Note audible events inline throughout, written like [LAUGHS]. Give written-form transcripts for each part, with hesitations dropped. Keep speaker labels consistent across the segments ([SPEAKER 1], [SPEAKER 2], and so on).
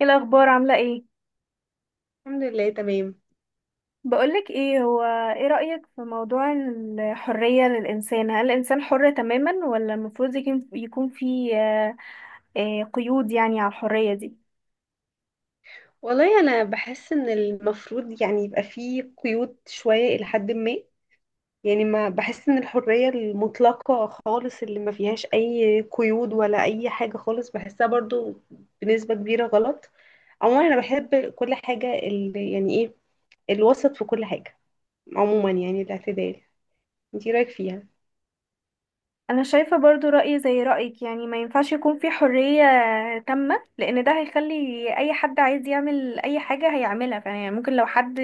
[SPEAKER 1] ايه الاخبار، عامله ايه؟
[SPEAKER 2] الحمد لله تمام.
[SPEAKER 1] بقولك ايه، هو ايه رايك في موضوع الحريه للانسان؟ هل الانسان حر تماما ولا المفروض يكون في قيود يعني على الحريه دي؟
[SPEAKER 2] والله انا بحس ان المفروض يعني يبقى فيه قيود شوية الى حد ما. يعني ما بحس ان الحرية المطلقة خالص اللي ما فيهاش اي قيود ولا اي حاجة خالص بحسها برضو بنسبة كبيرة غلط. عموما انا بحب كل حاجة اللي يعني ايه، الوسط في كل حاجة. عموما يعني الاعتدال. انتي رايك فيها؟
[SPEAKER 1] انا شايفه برضو رايي زي رايك، يعني ما ينفعش يكون في حريه تامه، لان ده هيخلي اي حد عايز يعمل اي حاجه هيعملها. يعني ممكن لو حد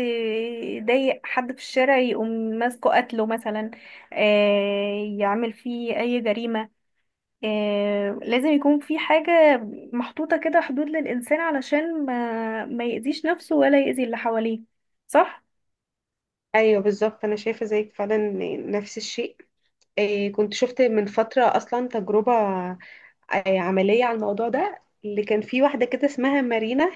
[SPEAKER 1] ضايق حد في الشارع يقوم ماسكه قتله مثلا، يعمل فيه اي جريمه. لازم يكون في حاجة محطوطة كده، حدود للإنسان علشان ما يأذيش نفسه ولا يأذي اللي حواليه. صح؟
[SPEAKER 2] ايوه بالظبط، انا شايفة زيك فعلا، نفس الشيء. إيه، كنت شفت من فترة اصلا تجربة عملية على الموضوع ده، اللي كان في واحدة كده اسمها مارينا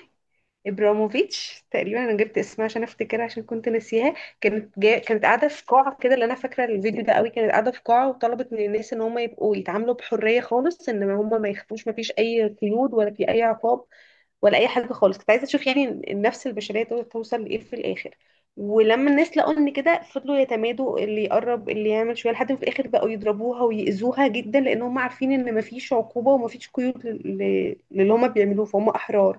[SPEAKER 2] ابراموفيتش تقريبا. انا جبت اسمها عشان افتكرها عشان كنت ناسيها. كانت قاعدة في قاعة كده، اللي انا فاكرة الفيديو ده قوي، كانت قاعدة في قاعة وطلبت من الناس ان هم يبقوا يتعاملوا بحرية خالص، ان هم ما يخافوش، ما فيش اي قيود ولا في اي عقاب ولا اي حاجه خالص. كنت عايزه اشوف يعني النفس البشريه دول توصل لايه في الاخر. ولما الناس لقوا ان كده فضلوا يتمادوا، اللي يقرب اللي يعمل شويه، لحد ما في الاخر بقوا يضربوها ويأذوها جدا لان هم عارفين ان مفيش عقوبه ومفيش قيود للي هم بيعملوه، فهم احرار.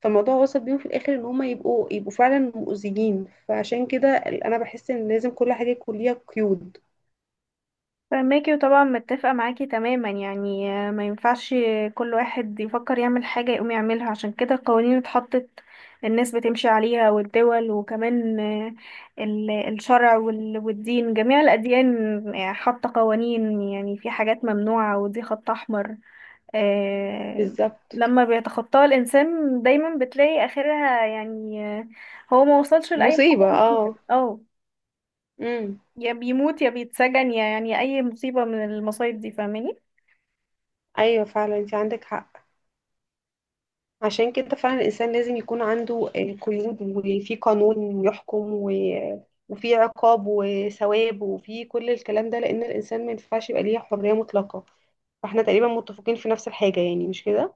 [SPEAKER 2] فالموضوع وصل بيهم في الاخر ان هم يبقوا فعلا مؤذيين. فعشان كده انا بحس ان لازم كل حاجه يكون ليها قيود.
[SPEAKER 1] فماكي، وطبعا متفقة معاكي تماما، يعني ما ينفعش كل واحد يفكر يعمل حاجة يقوم يعملها. عشان كده القوانين اتحطت، الناس بتمشي عليها، والدول. وكمان الشرع والدين، جميع الأديان حاطة قوانين، يعني في حاجات ممنوعة ودي خط أحمر. آه،
[SPEAKER 2] بالظبط،
[SPEAKER 1] لما بيتخطاها الإنسان دايما بتلاقي آخرها، يعني هو ما وصلش لأي
[SPEAKER 2] مصيبه
[SPEAKER 1] حاجة مفيدة.
[SPEAKER 2] اه.
[SPEAKER 1] اه
[SPEAKER 2] امم
[SPEAKER 1] يا بيموت يا بيتسجن يا يعني أي مصيبة من المصايب دي، فاهماني؟
[SPEAKER 2] ايوه فعلا، انت عندك حق. عشان كده فعلا الإنسان لازم يكون عنده قيود، وفي قانون يحكم وفي عقاب وثواب وفي كل الكلام ده، لأن الإنسان ما ينفعش يبقى ليه حرية مطلقة. فاحنا تقريبا متفقين في نفس الحاجة، يعني مش كده؟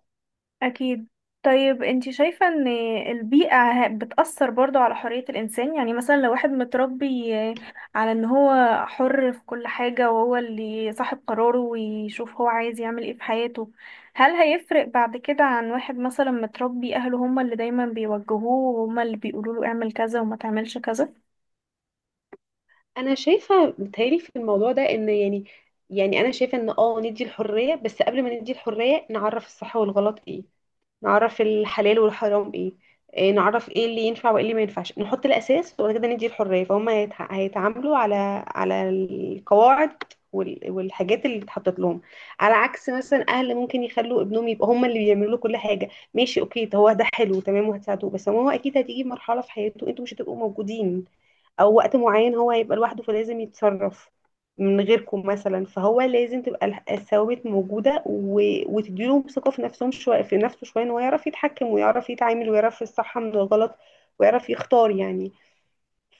[SPEAKER 1] أكيد. طيب، انتي شايفة ان البيئة بتأثر برضو على حرية الإنسان؟ يعني مثلا لو واحد متربي على ان هو حر في كل حاجة، وهو اللي صاحب قراره، ويشوف هو عايز يعمل ايه في حياته، هل هيفرق بعد كده عن واحد مثلا متربي أهله هما اللي دايما بيوجهوه وهما اللي بيقولوله اعمل كذا وما تعملش كذا؟
[SPEAKER 2] انا شايفه متهيألي في الموضوع ده ان يعني، انا شايفه ان اه ندي الحريه، بس قبل ما ندي الحريه نعرف الصح والغلط ايه، نعرف الحلال والحرام ايه، إيه نعرف ايه اللي ينفع وايه اللي ما ينفعش، نحط الاساس وبعد كده ندي الحريه. فهم هيتعاملوا على على القواعد والحاجات اللي اتحطت لهم. على عكس مثلا اهل ممكن يخلوا ابنهم، يبقى هم اللي بيعملوا له كل حاجه. ماشي اوكي، ده هو ده حلو تمام وهتساعدوه، بس هو اكيد هتيجي مرحله في حياته انتوا مش هتبقوا موجودين، او وقت معين هو هيبقى لوحده فلازم يتصرف من غيركم مثلا. فهو لازم تبقى الثوابت موجوده وتديله ثقه في نفسهم شويه، في نفسه شويه، ان هو يعرف يتحكم ويعرف يتعامل ويعرف الصح من الغلط ويعرف يختار يعني.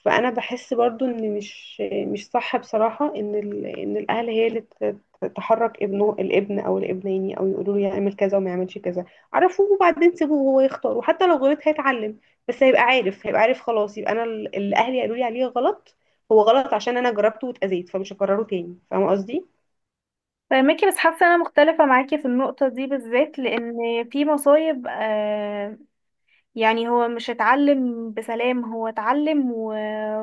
[SPEAKER 2] فانا بحس برضو ان مش، مش صح بصراحه ان الاهل هي اللي تحرك ابنه، الابن او الابنين، او يقولوا له يعمل كذا وما يعملش كذا. عرفوه وبعدين سيبوه هو يختار، وحتى لو غلط هيتعلم، بس هيبقى عارف، هيبقى عارف خلاص، يبقى انا اللي اهلي قالوا لي عليه غلط هو غلط عشان انا جربته واتاذيت، فمش هكرره تاني. فاهمه قصدي؟
[SPEAKER 1] فاهمكي، بس حاسة انا مختلفة معاكي في النقطة دي بالذات، لأن في مصايب. يعني هو مش اتعلم بسلام، هو اتعلم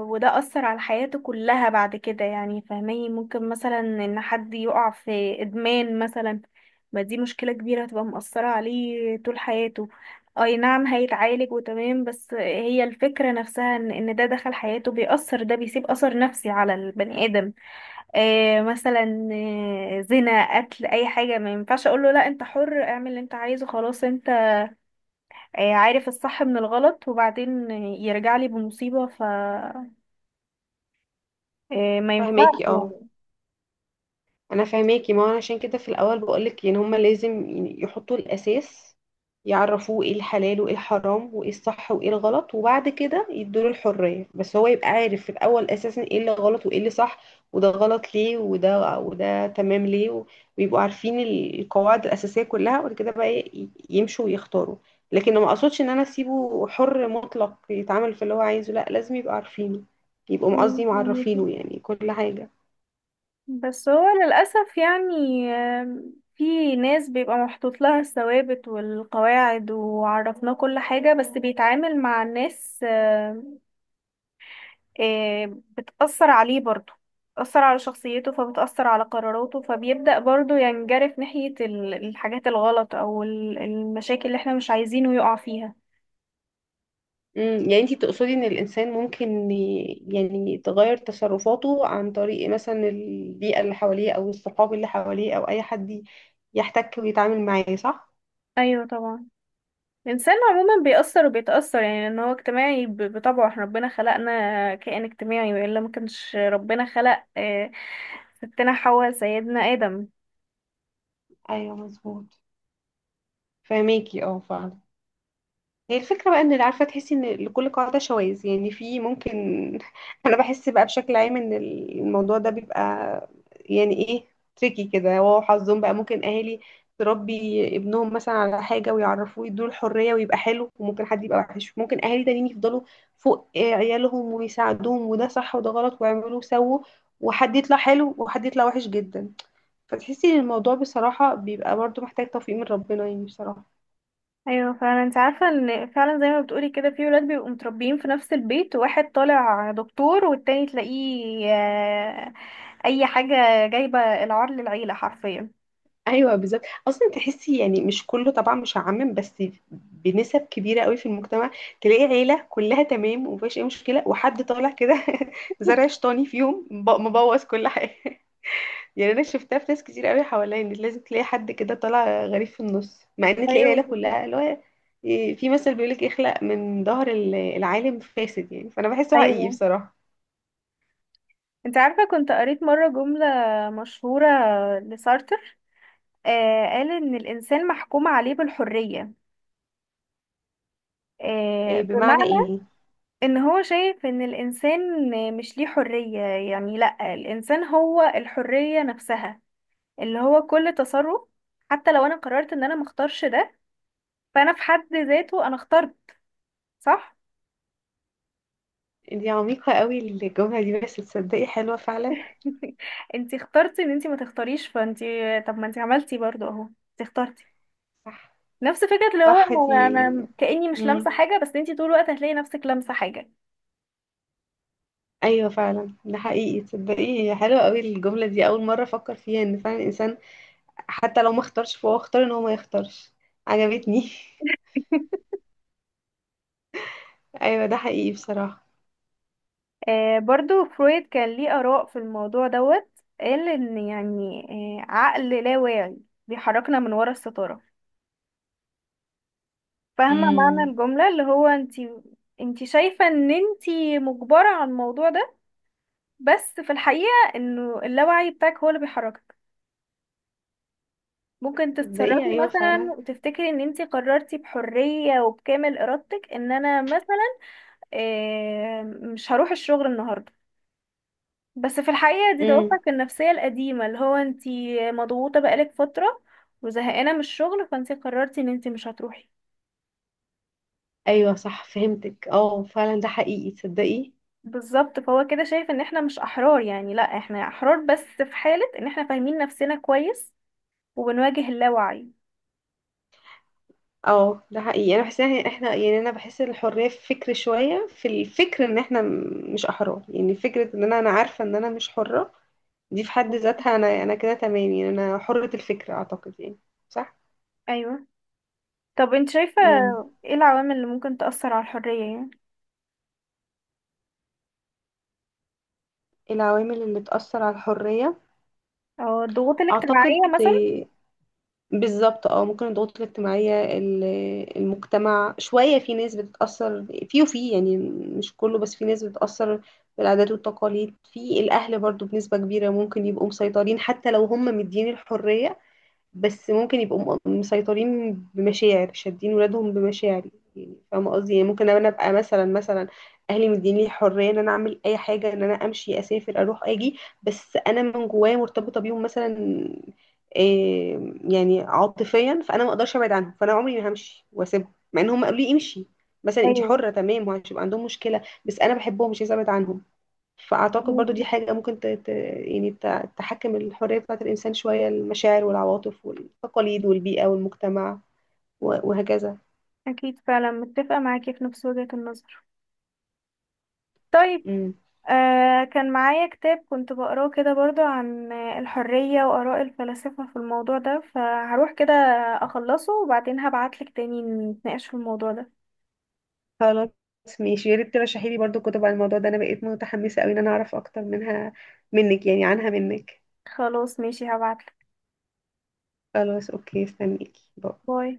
[SPEAKER 1] وده أثر على حياته كلها بعد كده، يعني فاهماني؟ ممكن مثلا ان حد يقع في ادمان مثلا، ما دي مشكلة كبيرة هتبقى مؤثرة عليه طول حياته. اي نعم هيتعالج وتمام، بس هي الفكرة نفسها، إن ده دخل حياته بيأثر، ده بيسيب أثر نفسي على البني آدم. مثلا، زنا، قتل، اي حاجة، ما ينفعش اقول له لا انت حر اعمل اللي انت عايزه خلاص، عارف الصح من الغلط، وبعدين يرجع لي بمصيبة. ف ما ينفعش
[SPEAKER 2] فهماكي اه،
[SPEAKER 1] يعني.
[SPEAKER 2] انا فاهماكي. ما هو أنا عشان كده في الاول بقولك ان هما لازم يعني يحطوا الاساس، يعرفوه ايه الحلال وايه الحرام وايه الصح وايه الغلط، وبعد كده يدوله الحرية، بس هو يبقى عارف في الاول اساسا ايه اللي غلط وايه اللي صح، وده غلط ليه وده تمام ليه ويبقوا عارفين القواعد الاساسية كلها، وبعد كده بقى يمشوا ويختاروا. لكن ما اقصدش ان انا اسيبه حر مطلق يتعامل في اللي هو عايزه، لا، لازم يبقى عارفينه، يبقوا قصدي
[SPEAKER 1] يعني
[SPEAKER 2] معرفينه
[SPEAKER 1] كده.
[SPEAKER 2] يعني كل حاجة.
[SPEAKER 1] بس هو للأسف، يعني في ناس بيبقى محطوط لها الثوابت والقواعد، وعرفناه كل حاجة، بس بيتعامل مع الناس، بتأثر عليه برضه، بتأثر على شخصيته، فبتأثر على قراراته، فبيبدأ برضه ينجرف ناحية الحاجات الغلط أو المشاكل اللي احنا مش عايزينه يقع فيها.
[SPEAKER 2] امم، يعني انتي تقصدي ان الانسان ممكن يعني تغير تصرفاته عن طريق مثلا البيئة اللي حواليه او الصحاب اللي حواليه او اي حد يحتك ويتعامل معاه، صح؟
[SPEAKER 1] أيوة طبعا. الإنسان عموما بيأثر وبيتأثر، يعني إن هو اجتماعي بطبعه. احنا ربنا خلقنا كائن اجتماعي، وإلا ما كانش ربنا خلق ستنا حواء، سيدنا آدم.
[SPEAKER 2] ايوه مظبوط، فهميكي اه فعلا. هي الفكرة بقى ان اللي عارفة، تحسي ان لكل قاعدة شواذ يعني، في ممكن [LAUGHS] انا بحس بقى بشكل عام ان الموضوع ده بيبقى يعني ايه، تريكي كده، هو حظهم بقى. ممكن اهالي تربي ابنهم مثلا على حاجة ويعرفوه يدوله الحرية ويبقى حلو، وممكن حد يبقى وحش. ممكن اهالي تانيين يفضلوا فوق عيالهم ويساعدوهم وده صح وده غلط ويعملوا وسووا، وحد يطلع حلو وحد يطلع وحش جدا. فتحسي ان الموضوع بصراحة بيبقى برضو محتاج توفيق من ربنا يعني بصراحة.
[SPEAKER 1] أيوة فعلا. أنت عارفة إن فعلا زي ما بتقولي كده في ولاد بيبقوا متربيين في نفس البيت، واحد طالع دكتور، والتاني تلاقيه أي حاجة، جايبة العار للعيلة حرفيا.
[SPEAKER 2] ايوه بالظبط، اصلا تحسي يعني مش كله طبعا، مش هعمم، بس بنسب كبيره قوي في المجتمع تلاقي عيله كلها تمام ومفيش اي مشكله، وحد طالع كده [LAUGHS] زرع شيطاني فيهم مبوظ كل حاجه [LAUGHS] يعني انا شفتها في ناس كتير قوي حواليا، ان لازم تلاقي حد كده طالع غريب في النص مع ان تلاقي
[SPEAKER 1] ايوه،
[SPEAKER 2] العيله كلها اللي هو، إيه، في مثل بيقولك اخلق من ظهر العالم فاسد يعني، فانا بحسه حقيقي
[SPEAKER 1] ايوه.
[SPEAKER 2] بصراحه.
[SPEAKER 1] انت عارفه كنت قريت مره جمله مشهوره لسارتر، قال إن الإنسان محكوم عليه بالحرية،
[SPEAKER 2] إيه، بمعنى
[SPEAKER 1] بمعنى
[SPEAKER 2] ايه؟
[SPEAKER 1] إن هو شايف إن الإنسان مش ليه حرية، يعني لأ، الإنسان هو الحرية نفسها، اللي هو كل تصرف حتى لو أنا قررت إن أنا مختارش ده، فأنا في حد ذاته أنا اخترت. صح؟
[SPEAKER 2] دي عميقه قوي الجمله دي، بس تصدقي حلوه فعلا.
[SPEAKER 1] [LAUGHS] انتي اخترتي ان انتي ما تختاريش، فانتي طب ما انتي عملتي برضو اهو، انتي اخترتي.
[SPEAKER 2] صح.
[SPEAKER 1] نفس فكرة اللي هو
[SPEAKER 2] صح
[SPEAKER 1] انا
[SPEAKER 2] دي.
[SPEAKER 1] أنا كأني مش
[SPEAKER 2] مم.
[SPEAKER 1] لامسة حاجة، بس انتي طول الوقت هتلاقي نفسك لامسة حاجة.
[SPEAKER 2] ايوه فعلا ده حقيقي، تصدقي حلوه قوي الجمله دي. اول مره افكر فيها ان فعلا الانسان حتى لو ما اختارش فهو اختار ان هو ما يختارش. عجبتني [LAUGHS] ايوه ده حقيقي بصراحه.
[SPEAKER 1] برضو فرويد كان ليه آراء في الموضوع دوت، قال إن يعني عقل لا واعي بيحركنا من ورا الستارة. فاهمة معنى
[SPEAKER 2] امم
[SPEAKER 1] الجملة اللي هو انتي، شايفة ان انتي مجبرة على الموضوع ده، بس في الحقيقة انه اللاوعي بتاعك هو اللي بيحركك. ممكن
[SPEAKER 2] تصدقي
[SPEAKER 1] تتصرفي
[SPEAKER 2] ايوه
[SPEAKER 1] مثلا
[SPEAKER 2] فعلا.
[SPEAKER 1] وتفتكري ان انتي قررتي بحرية وبكامل ارادتك، ان انا مثلا مش هروح الشغل النهاردة، بس في الحقيقة دي
[SPEAKER 2] امم
[SPEAKER 1] دوافعك النفسية القديمة، اللي هو انتي مضغوطة بقالك فترة وزهقانة من الشغل، فانتي قررتي ان انتي مش هتروحي.
[SPEAKER 2] ايوه صح، فهمتك اه فعلا ده حقيقي تصدقي.
[SPEAKER 1] بالظبط. فهو كده شايف ان احنا مش احرار، يعني لا احنا احرار بس في حالة ان احنا فاهمين نفسنا كويس وبنواجه اللاوعي.
[SPEAKER 2] اه ده حقيقي، انا بحس ان احنا يعني، انا بحس الحريه في الفكر شويه، في الفكر ان احنا مش احرار يعني، فكره ان انا، انا عارفه ان انا مش حره دي في حد ذاتها، انا انا كده تمام يعني انا حرة الفكر اعتقد يعني. صح.
[SPEAKER 1] ايوه. طب انت شايفة
[SPEAKER 2] امم،
[SPEAKER 1] ايه العوامل اللي ممكن تأثر على الحرية، يعني
[SPEAKER 2] العوامل اللي تأثر على الحرية،
[SPEAKER 1] او الضغوط
[SPEAKER 2] اعتقد
[SPEAKER 1] الاجتماعية مثلا؟
[SPEAKER 2] بالظبط اه، ممكن الضغوط الاجتماعية المجتمع شوية، في ناس بتتأثر، في وفي يعني مش كله بس في ناس بتتأثر، بالعادات والتقاليد، في الأهل برضو بنسبة كبيرة ممكن يبقوا مسيطرين حتى لو هم مدين الحرية، بس ممكن يبقوا مسيطرين بمشاعر، شادين ولادهم بمشاعر يعني، فاهمة قصدي؟ يعني ممكن انا ابقى مثلا، اهلي مديني الحرية ان انا اعمل اي حاجة، ان انا امشي اسافر اروح اجي، بس انا من جوايا مرتبطة بيهم مثلا، إيه، يعني عاطفيا، فانا ما اقدرش ابعد عنهم، فانا عمري ما همشي واسيبهم مع ان هم قالوا لي امشي مثلا انت
[SPEAKER 1] ايوه،
[SPEAKER 2] حرة تمام، وهتبقى عندهم مشكلة بس انا بحبهم مش عايزة ابعد عنهم. فأعتقد برضو دي
[SPEAKER 1] ماشي.
[SPEAKER 2] حاجة ممكن يعني تحكم الحرية بتاعة الإنسان شوية، المشاعر والعواطف والتقاليد والبيئة والمجتمع وهكذا.
[SPEAKER 1] اكيد، فعلا متفقة معاكي في نفس وجهة النظر. طيب،
[SPEAKER 2] امم،
[SPEAKER 1] كان معايا كتاب كنت بقراه كده برضو عن الحرية وآراء الفلاسفة في الموضوع ده، فهروح كده أخلصه، وبعدين هبعتلك تاني نتناقش في الموضوع ده.
[SPEAKER 2] خلاص ماشي، يا ريت ترشحي لي برضو كتب عن الموضوع ده، أنا بقيت متحمسة أوي إن أنا أعرف أكتر منها، منك يعني، عنها منك.
[SPEAKER 1] خلاص ماشي، هبعتلك.
[SPEAKER 2] خلاص أوكي، استنيكي، باي.
[SPEAKER 1] باي.